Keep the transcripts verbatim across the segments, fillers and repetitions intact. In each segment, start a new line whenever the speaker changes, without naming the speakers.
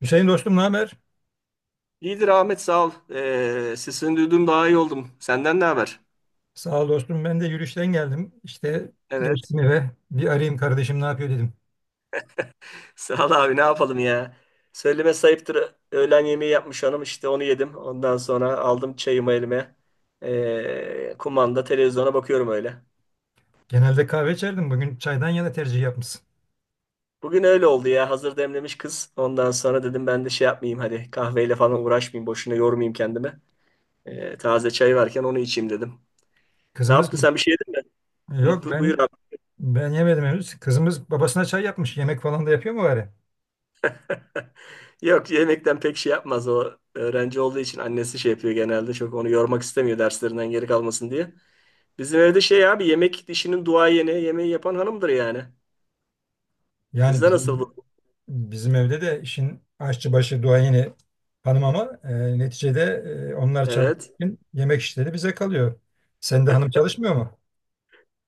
Hüseyin dostum ne haber?
İyidir Ahmet sağ ol. Ee, sesini duydum daha iyi oldum. Senden ne haber?
Sağ ol dostum. Ben de yürüyüşten geldim. İşte
Evet.
geçtim eve. Bir arayayım kardeşim ne yapıyor dedim.
Sağ ol abi ne yapalım ya. Söyleme sayıptır. Öğlen yemeği yapmış hanım işte onu yedim. Ondan sonra aldım çayımı elime. Ee, kumanda televizyona bakıyorum öyle.
Genelde kahve içerdim. Bugün çaydan yana tercih yapmışsın.
Bugün öyle oldu ya. Hazır demlemiş kız. Ondan sonra dedim ben de şey yapmayayım hadi. Kahveyle falan uğraşmayayım. Boşuna yormayayım kendimi. Ee, taze çay varken onu içeyim dedim. Ne
Kızımız
yaptın sen bir şey yedin mi?
e,
Hı,
yok
bu-
ben
buyur.
ben yemedim henüz. Kızımız babasına çay yapmış. Yemek falan da yapıyor mu bari?
Yok yemekten pek şey yapmaz o. Öğrenci olduğu için annesi şey yapıyor genelde. Çok onu yormak istemiyor derslerinden geri kalmasın diye. Bizim evde şey abi yemek dişinin duayeni yemeği yapan hanımdır yani.
Yani
Sizde nasıl
bizim
bu?
bizim evde de işin aşçı başı duayeni hanım ama e, neticede e, onlar
Evet.
çalışırken yemek işleri bize kalıyor. Sen de hanım çalışmıyor mu?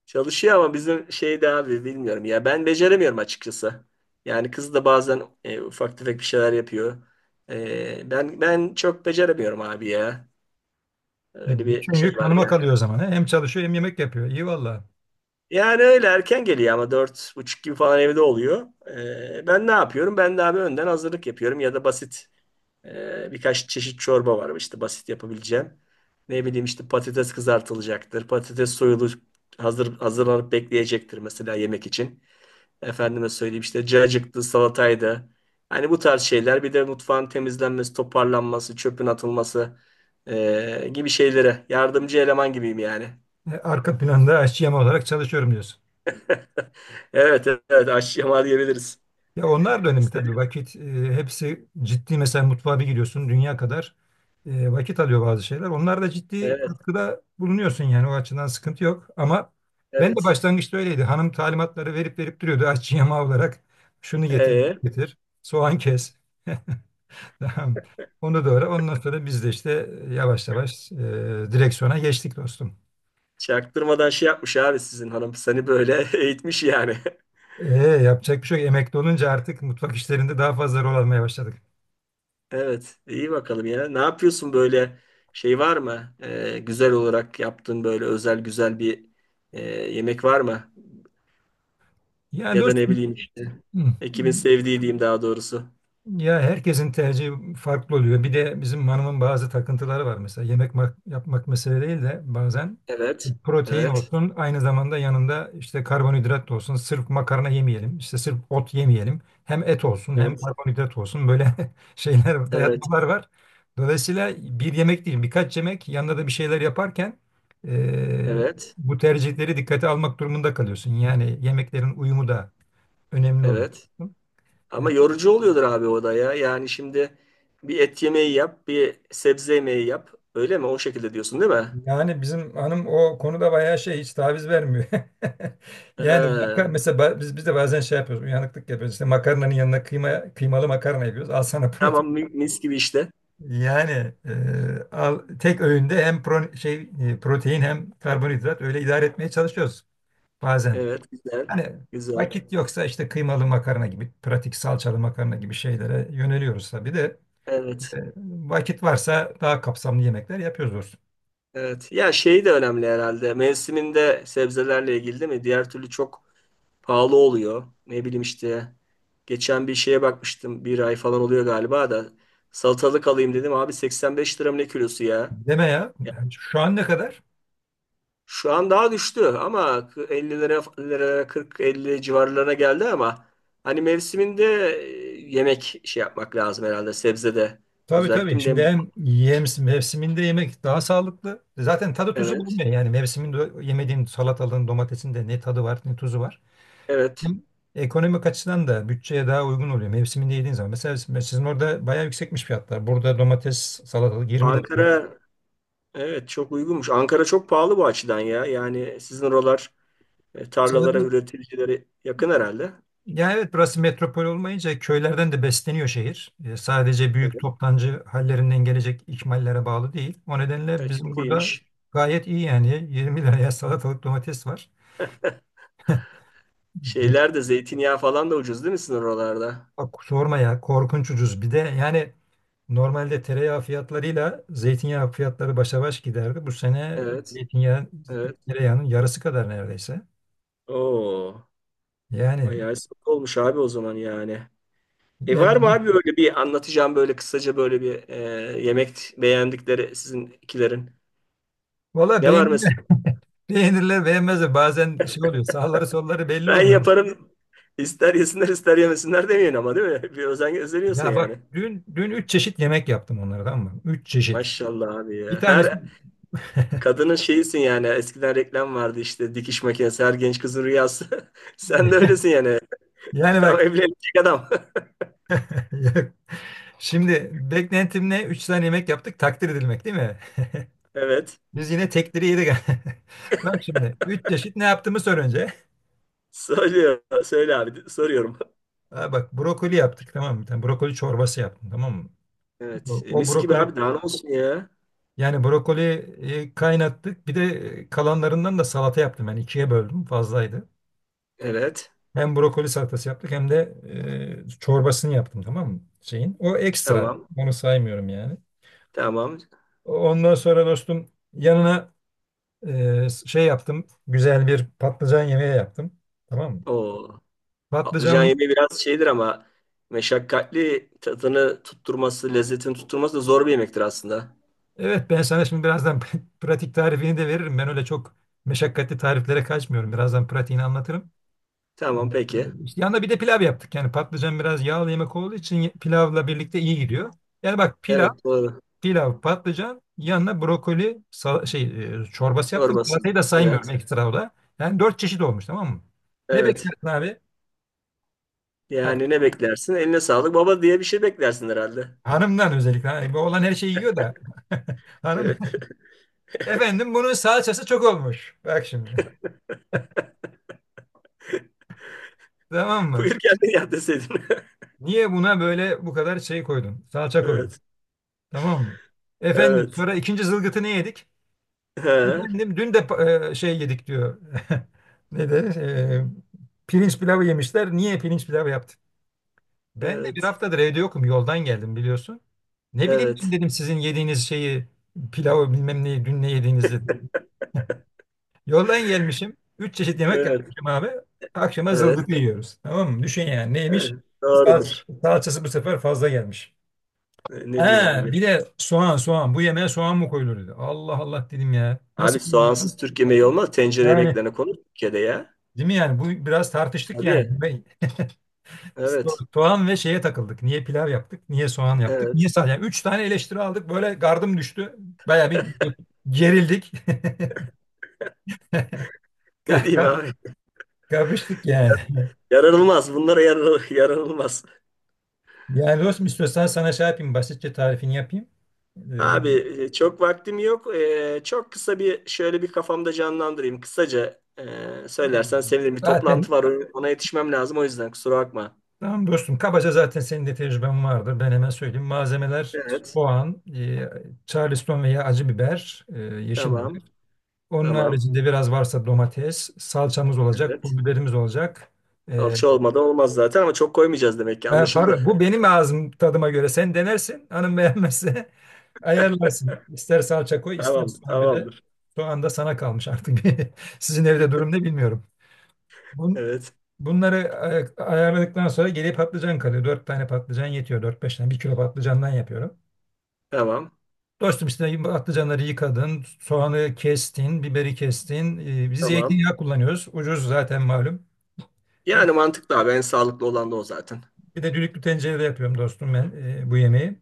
Çalışıyor ama bizim şeyde abi bilmiyorum ya ben beceremiyorum açıkçası. Yani kız da bazen e, ufak tefek bir şeyler yapıyor. E, ben ben çok beceremiyorum abi ya. Öyle
E, bütün
bir şey
yük
var.
hanıma kalıyor o zaman. He? Hem çalışıyor hem yemek yapıyor. İyi valla.
Yani öyle erken geliyor ama dört buçuk gibi falan evde oluyor. Ee, ben ne yapıyorum? Ben de abi önden hazırlık yapıyorum ya da basit e, birkaç çeşit çorba var işte basit yapabileceğim. Ne bileyim işte patates kızartılacaktır. Patates soyulu hazır hazırlanıp bekleyecektir mesela yemek için. Efendime söyleyeyim işte cacıktı, salataydı. Hani bu tarz şeyler bir de mutfağın temizlenmesi, toparlanması, çöpün atılması e, gibi şeylere yardımcı eleman gibiyim yani.
E, arka planda aşçı olarak çalışıyorum diyorsun.
Evet evet, aşyama diyebiliriz.
Ya onlar da önemli
İşte-
tabii vakit, e, hepsi ciddi mesela mutfağa bir giriyorsun dünya kadar e, vakit alıyor bazı şeyler. Onlar da ciddi
Evet
katkıda bulunuyorsun yani o açıdan sıkıntı yok. Ama ben de
evet.
başlangıçta öyleydi. Hanım talimatları verip verip duruyordu aşçı yama olarak şunu getir bunu
Ee,
getir soğan kes. Tamam. Onu doğru. Ondan sonra biz de işte e, yavaş yavaş e, direksiyona geçtik dostum.
Çaktırmadan şey yapmış abi sizin hanım. Seni böyle eğitmiş yani.
E, yapacak bir şey yok. Emekli olunca artık mutfak işlerinde daha fazla rol almaya başladık.
Evet iyi bakalım ya. Ne yapıyorsun böyle şey var mı? Ee, güzel olarak yaptığın böyle özel güzel bir e, yemek var mı?
Yani
Ya da ne
dostum,
bileyim işte.
hı,
Ekibin sevdiği diyeyim daha doğrusu.
ya herkesin tercihi farklı oluyor. Bir de bizim hanımın bazı takıntıları var mesela. Yemek mak- yapmak mesele değil de bazen
Evet.
protein
Evet.
olsun, aynı zamanda yanında işte karbonhidrat da olsun. Sırf makarna yemeyelim, işte sırf ot yemeyelim. Hem et olsun hem
Evet.
karbonhidrat olsun. Böyle şeyler,
Evet.
dayatmalar var. Dolayısıyla bir yemek değil, birkaç yemek yanında da bir şeyler yaparken e,
Evet.
bu tercihleri dikkate almak durumunda kalıyorsun. Yani yemeklerin uyumu da önemli oluyor.
Evet. Ama yorucu oluyordur abi o da ya. Yani şimdi bir et yemeği yap, bir sebze yemeği yap. Öyle mi? O şekilde diyorsun değil mi?
Yani bizim hanım o konuda bayağı şey, hiç taviz vermiyor. Yani maka-
Ee,
mesela ba- biz biz de bazen şey yapıyoruz, uyanıklık yapıyoruz. İşte makarnanın yanına kıyma, kıymalı makarna yapıyoruz. Al sana
tamam,
protein.
mi- mis gibi işte.
Yani e, al, tek öğünde hem pro- şey e, protein hem karbonhidrat, öyle idare etmeye çalışıyoruz bazen.
Evet güzel.
Hani
Güzel.
vakit yoksa işte kıymalı makarna gibi, pratik salçalı makarna gibi şeylere yöneliyoruz tabii de, e,
Evet.
vakit varsa daha kapsamlı yemekler yapıyoruz doğrusu.
Evet. Ya şey de önemli herhalde. Mevsiminde sebzelerle ilgili değil mi? Diğer türlü çok pahalı oluyor. Ne bileyim işte. Geçen bir şeye bakmıştım. Bir ay falan oluyor galiba da. Salatalık alayım dedim. Abi seksen beş lira mı ne kilosu ya?
Deme ya. Yani şu an ne kadar?
Şu an daha düştü ama ellilere ellilere kırk elli civarlarına geldi ama hani mevsiminde e, yemek şey yapmak lazım herhalde sebzede.
Tabii tabii.
Özellikle
Şimdi
dem
hem yem, mevsiminde yemek daha sağlıklı. Zaten tadı tuzu
evet.
bulmuyor. Yani mevsiminde yemediğin salatalığın, domatesin de ne tadı var ne tuzu var.
Evet.
Hem ekonomik açıdan da bütçeye daha uygun oluyor mevsiminde yediğin zaman. Mesela siz- sizin orada bayağı yüksekmiş fiyatlar. Burada domates, salatalık yirmi lira.
Ankara evet, çok uygunmuş. Ankara çok pahalı bu açıdan ya. Yani sizin oralar e, tarlalara,
Sadece,
üreticilere yakın herhalde.
yani Evet, burası metropol olmayınca köylerden de besleniyor şehir. E, sadece büyük
Evet.
toptancı hallerinden gelecek ikmallere bağlı değil. O nedenle
Evet,
bizim
çok
burada
iyiymiş.
gayet iyi yani. yirmi liraya salatalık, domates var.
Şeyler de zeytinyağı falan da ucuz değil mi sizin oralarda?
Bak sorma ya, korkunç ucuz. Bir de yani normalde tereyağı fiyatlarıyla zeytinyağı fiyatları başa baş giderdi. Bu sene
Evet.
zeytinyağı
Evet.
tereyağının yarısı kadar neredeyse.
Oo.
Yani,
Bayağı sıkı olmuş abi o zaman yani. E var
yani
mı abi böyle bir anlatacağım böyle kısaca böyle bir e, yemek beğendikleri sizin ikilerin?
Valla
Ne var
beğenirler,
mesela?
beğenirler, beğenmezler. Bazen şey oluyor, sağları solları belli
Ben
olmuyor.
yaparım. İster yesinler ister yemesinler demeyin ama değil mi? Bir özen gösteriyorsun
Ya
yani.
bak, dün dün üç çeşit yemek yaptım onlara, tamam mı? Üç çeşit.
Maşallah abi
Bir
ya.
tanesi
Her kadının şeyisin yani. Eskiden reklam vardı işte dikiş makinesi her genç kızın rüyası. Sen de öylesin yani.
yani
Tam
bak,
evlenecek adam.
şimdi beklentimle üç tane yemek yaptık, takdir edilmek değil mi?
Evet.
Biz yine tekleri yedik. Bak şimdi üç çeşit ne yaptığımı sor önce.
Söylüyor. Söyle abi. Soruyorum.
Ha bak, brokoli yaptık tamam mı? Bir tane brokoli çorbası yaptım, tamam mı?
Evet.
O,
E,
o
mis gibi
brokoli,
abi. Daha ne olsun ya.
yani brokoli kaynattık. Bir de e, kalanlarından da salata yaptım. Yani ikiye böldüm, fazlaydı.
Evet.
Hem brokoli salatası yaptık hem de e, çorbasını yaptım, tamam mı? Şeyin. O ekstra,
Tamam.
onu saymıyorum yani.
Tamam.
Ondan sonra dostum yanına e, şey yaptım, güzel bir patlıcan yemeği yaptım. Tamam mı?
O. Patlıcan
Patlıcan.
yemeği biraz şeydir ama meşakkatli, tadını tutturması, lezzetini tutturması da zor bir yemektir aslında.
Evet, ben sana şimdi birazdan pratik tarifini de veririm. Ben öyle çok meşakkatli tariflere kaçmıyorum. Birazdan pratiğini anlatırım.
Tamam
Evet.
peki.
Ee, İşte yanında bir de pilav yaptık. Yani patlıcan biraz yağlı yemek olduğu için ye- pilavla birlikte iyi gidiyor. Yani bak, pilav,
Evet doğru.
pilav, patlıcan, yanına brokoli sal- şey e, çorbası yaptım.
Çorbası.
Salatayı da saymıyorum,
Evet.
ekstra o da. Yani dört çeşit olmuş, tamam mı? Ne
Evet.
beklersin abi? Bak,
Yani ne beklersin? Eline sağlık baba diye bir şey beklersin herhalde.
hanımdan özellikle. Hani bu olan her şeyi yiyor da. Hanım.
Evet.
Efendim, bunun salçası çok olmuş. Bak şimdi. Tamam mı?
Buyur kendin yap deseydin.
Niye buna böyle bu kadar şey koydun? Salça koydun.
Evet.
Tamam mı? Efendim,
Evet.
sonra ikinci zılgıtı ne yedik?
Ha,
Efendim dün de pa- e, şey yedik diyor. Ne de e, pirinç pilavı yemişler. Niye pirinç pilavı yaptın? Ben de bir
evet.
haftadır evde yokum. Yoldan geldim biliyorsun. Ne bileyim ben,
Evet.
dedim sizin yediğiniz şeyi, pilavı, bilmem neyi, dün ne yediğinizi. Yoldan gelmişim. Üç çeşit yemek
Evet.
yapmışım abi. Akşama
Evet.
zılgıtı yiyoruz. Tamam mı? Düşün yani, neymiş?
Evet.
Salç-
Doğrudur.
Salçası bu sefer fazla gelmiş.
E,
He,
ne diyeyim abi?
bir de soğan soğan. Bu yemeğe soğan mı koyulur dedi. Allah Allah, dedim ya.
Abi
Nasıl koyulmadı?
soğansız Türk yemeği olmaz. Tencere
Yani
yemeklerine konu Türkiye'de ya.
değil mi yani? Bu biraz tartıştık yani.
Tabii.
Ve so-
Evet.
soğan ve şeye takıldık. Niye pilav yaptık? Niye soğan yaptık? Niye
Evet.
sadece? Yani üç tane eleştiri aldık. Böyle gardım düştü. Baya bir ge- gerildik.
Ne
Ka-
diyeyim
ka-
abi?
Kapıştık yani.
Yaranılmaz. Bunlara yarar, yaranılmaz.
Yani dostum, istiyorsan sana şey yapayım, basitçe tarifini yapayım. Ee,
Abi e, çok vaktim yok. E, çok kısa bir şöyle bir kafamda canlandırayım. Kısaca e, söylersen sevinirim. Bir toplantı
zaten
var. Ona ona yetişmem lazım. O yüzden kusura bakma.
Tamam dostum. Kabaca zaten senin de tecrüben vardır. Ben hemen söyleyeyim. Malzemeler:
Evet.
soğan, e, Charleston veya acı biber, e, yeşil biber.
Tamam.
Onun
Tamam.
haricinde biraz varsa domates, salçamız olacak, pul
Evet.
biberimiz olacak. E,
Alçı olmadan olmaz zaten ama çok koymayacağız demek ki.
ben
Anlaşıldı.
para, bu benim ağzım tadıma göre. Sen denersin. Hanım beğenmezse ayarlarsın. İster salça koy, ister
Tamam.
soğan. Bir de
Tamamdır.
soğan da sana kalmış artık. Sizin evde durum ne bilmiyorum. Bun,
Evet.
Bunları ay- ayarladıktan sonra geriye patlıcan kalıyor. Dört tane patlıcan yetiyor. Dört beş tane. Bir kilo patlıcandan yapıyorum.
Tamam.
Dostum işte patlıcanları yıkadın, soğanı kestin, biberi kestin. Ee, biz
Tamam.
zeytinyağı kullanıyoruz. Ucuz zaten, malum. E,
Yani mantıklı abi. En sağlıklı olan da o zaten.
bir de düdüklü tencerede yapıyorum dostum ben e, bu yemeği.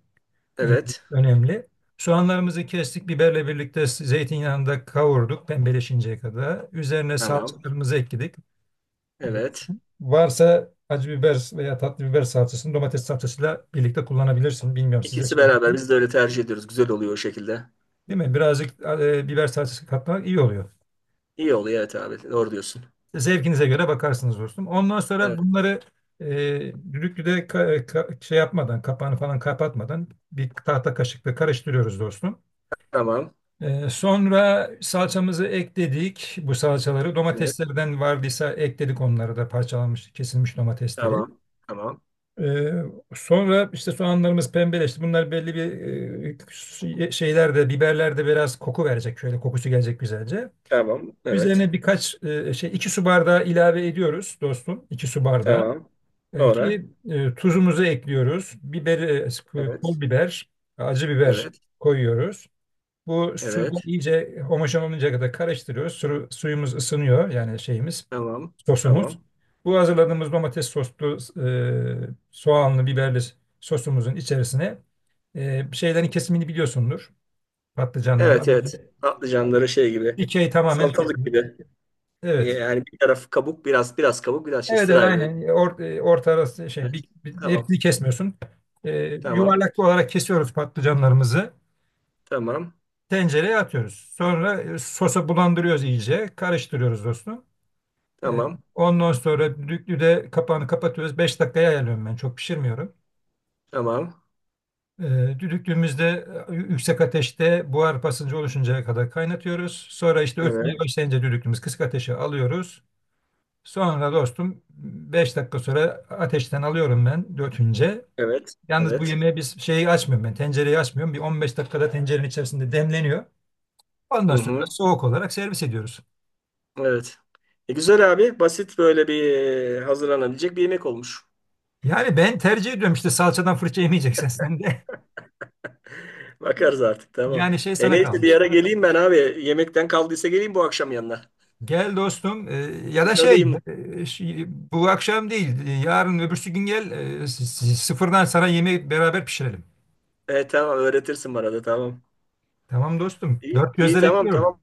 Öne-
Evet.
Önemli. Soğanlarımızı kestik, biberle birlikte zeytinyağında kavurduk pembeleşinceye kadar. Üzerine
Tamam.
salçalarımızı ekledik.
Evet.
Varsa acı biber veya tatlı biber salçasını domates salçasıyla birlikte kullanabilirsin. Bilmiyorum, size
İkisi beraber
söyledim.
biz de öyle tercih ediyoruz. Güzel oluyor o şekilde.
Değil mi? Birazcık e, biber salçası katmak iyi oluyor.
İyi oluyor evet abi. Doğru diyorsun.
Zevkinize göre bakarsınız dostum. Ondan sonra
Evet.
bunları e, düdüklüde ka- ka- şey yapmadan, kapağını falan kapatmadan bir tahta kaşıkla karıştırıyoruz dostum.
Tamam.
E, sonra salçamızı ekledik. Bu salçaları,
Evet.
domateslerden vardıysa ekledik onları da, parçalanmış, kesilmiş domatesleri.
Tamam. Tamam.
Ee, Sonra işte soğanlarımız pembeleşti. Bunlar belli bir e, şey- şeylerde, biberlerde biraz koku verecek. Şöyle kokusu gelecek güzelce.
Tamam. Evet.
Üzerine birkaç e, şey, iki su bardağı ilave ediyoruz dostum. İki su bardağı.
Tamam.
E,
Sonra.
ki e, tuzumuzu ekliyoruz. Biberi, e,
Evet.
pul biber, acı biber
Evet.
koyuyoruz. Bu
Evet.
sudan iyice homojen oluncaya kadar karıştırıyoruz. Su, suyumuz ısınıyor yani şeyimiz,
Tamam.
sosumuz.
Tamam.
Bu hazırladığımız domates soslu, e, soğanlı, biberli sosumuzun içerisine e, şeylerin kesimini biliyorsundur. Patlıcanları.
Evet evet. Patlıcanları şey gibi.
Dikey tamamen
Salatalık
kesmiyoruz.
gibi. Ee,
Evet.
Yani bir taraf kabuk biraz biraz kabuk biraz şey
Evet, evet
sırayla öyle.
aynen. Or, e, orta arası şey
Evet.
bir, bir-
Tamam.
hepsini kesmiyorsun. E,
Tamam.
Yuvarlak olarak kesiyoruz patlıcanlarımızı.
Tamam.
Tencereye atıyoruz. Sonra e, sosa bulandırıyoruz iyice. Karıştırıyoruz dostum. Ee,
Tamam.
Ondan sonra düdüklü kapağını kapatıyoruz. Beş dakikaya ayarlıyorum ben. Çok pişirmiyorum.
Tamam.
Ee, düdüklüğümüzde e, yüksek ateşte buhar basıncı oluşuncaya kadar kaynatıyoruz. Sonra işte ötmeye
Evet.
başlayınca düdüklümüz, kısık ateşe alıyoruz. Sonra dostum beş dakika sonra ateşten alıyorum ben dötünce.
Evet.
Yalnız bu
Evet.
yemeğe biz şeyi açmıyorum, ben tencereyi açmıyorum. Bir on beş dakikada tencerenin içerisinde demleniyor.
Hı
Ondan sonra
hı.
soğuk olarak servis ediyoruz.
Evet. E, güzel abi. Basit böyle bir e, hazırlanabilecek bir yemek olmuş.
Yani ben tercih ediyorum işte, salçadan fırça yemeyeceksen sen de.
Bakarız artık. Tamam.
Yani şey
E
sana
neyse bir
kalmış.
ara geleyim ben abi. Yemekten kaldıysa geleyim bu akşam yanına.
Gel dostum. Ee, ya
Bir
da şey
tadayım.
e, şey, bu akşam değil, e, yarın öbürsü gün gel, e, s- s- sıfırdan sana yemeği beraber pişirelim.
E, tamam öğretirsin bana da, tamam.
Tamam dostum,
İyi,
dört
iyi,
gözle
tamam
bekliyorum.
tamam.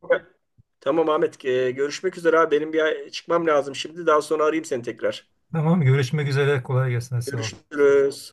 Tamam Ahmet. E, görüşmek üzere abi. Benim bir çıkmam lazım şimdi. Daha sonra arayayım seni tekrar.
Tamam, görüşmek üzere, kolay gelsin, sağ ol.
Görüşürüz.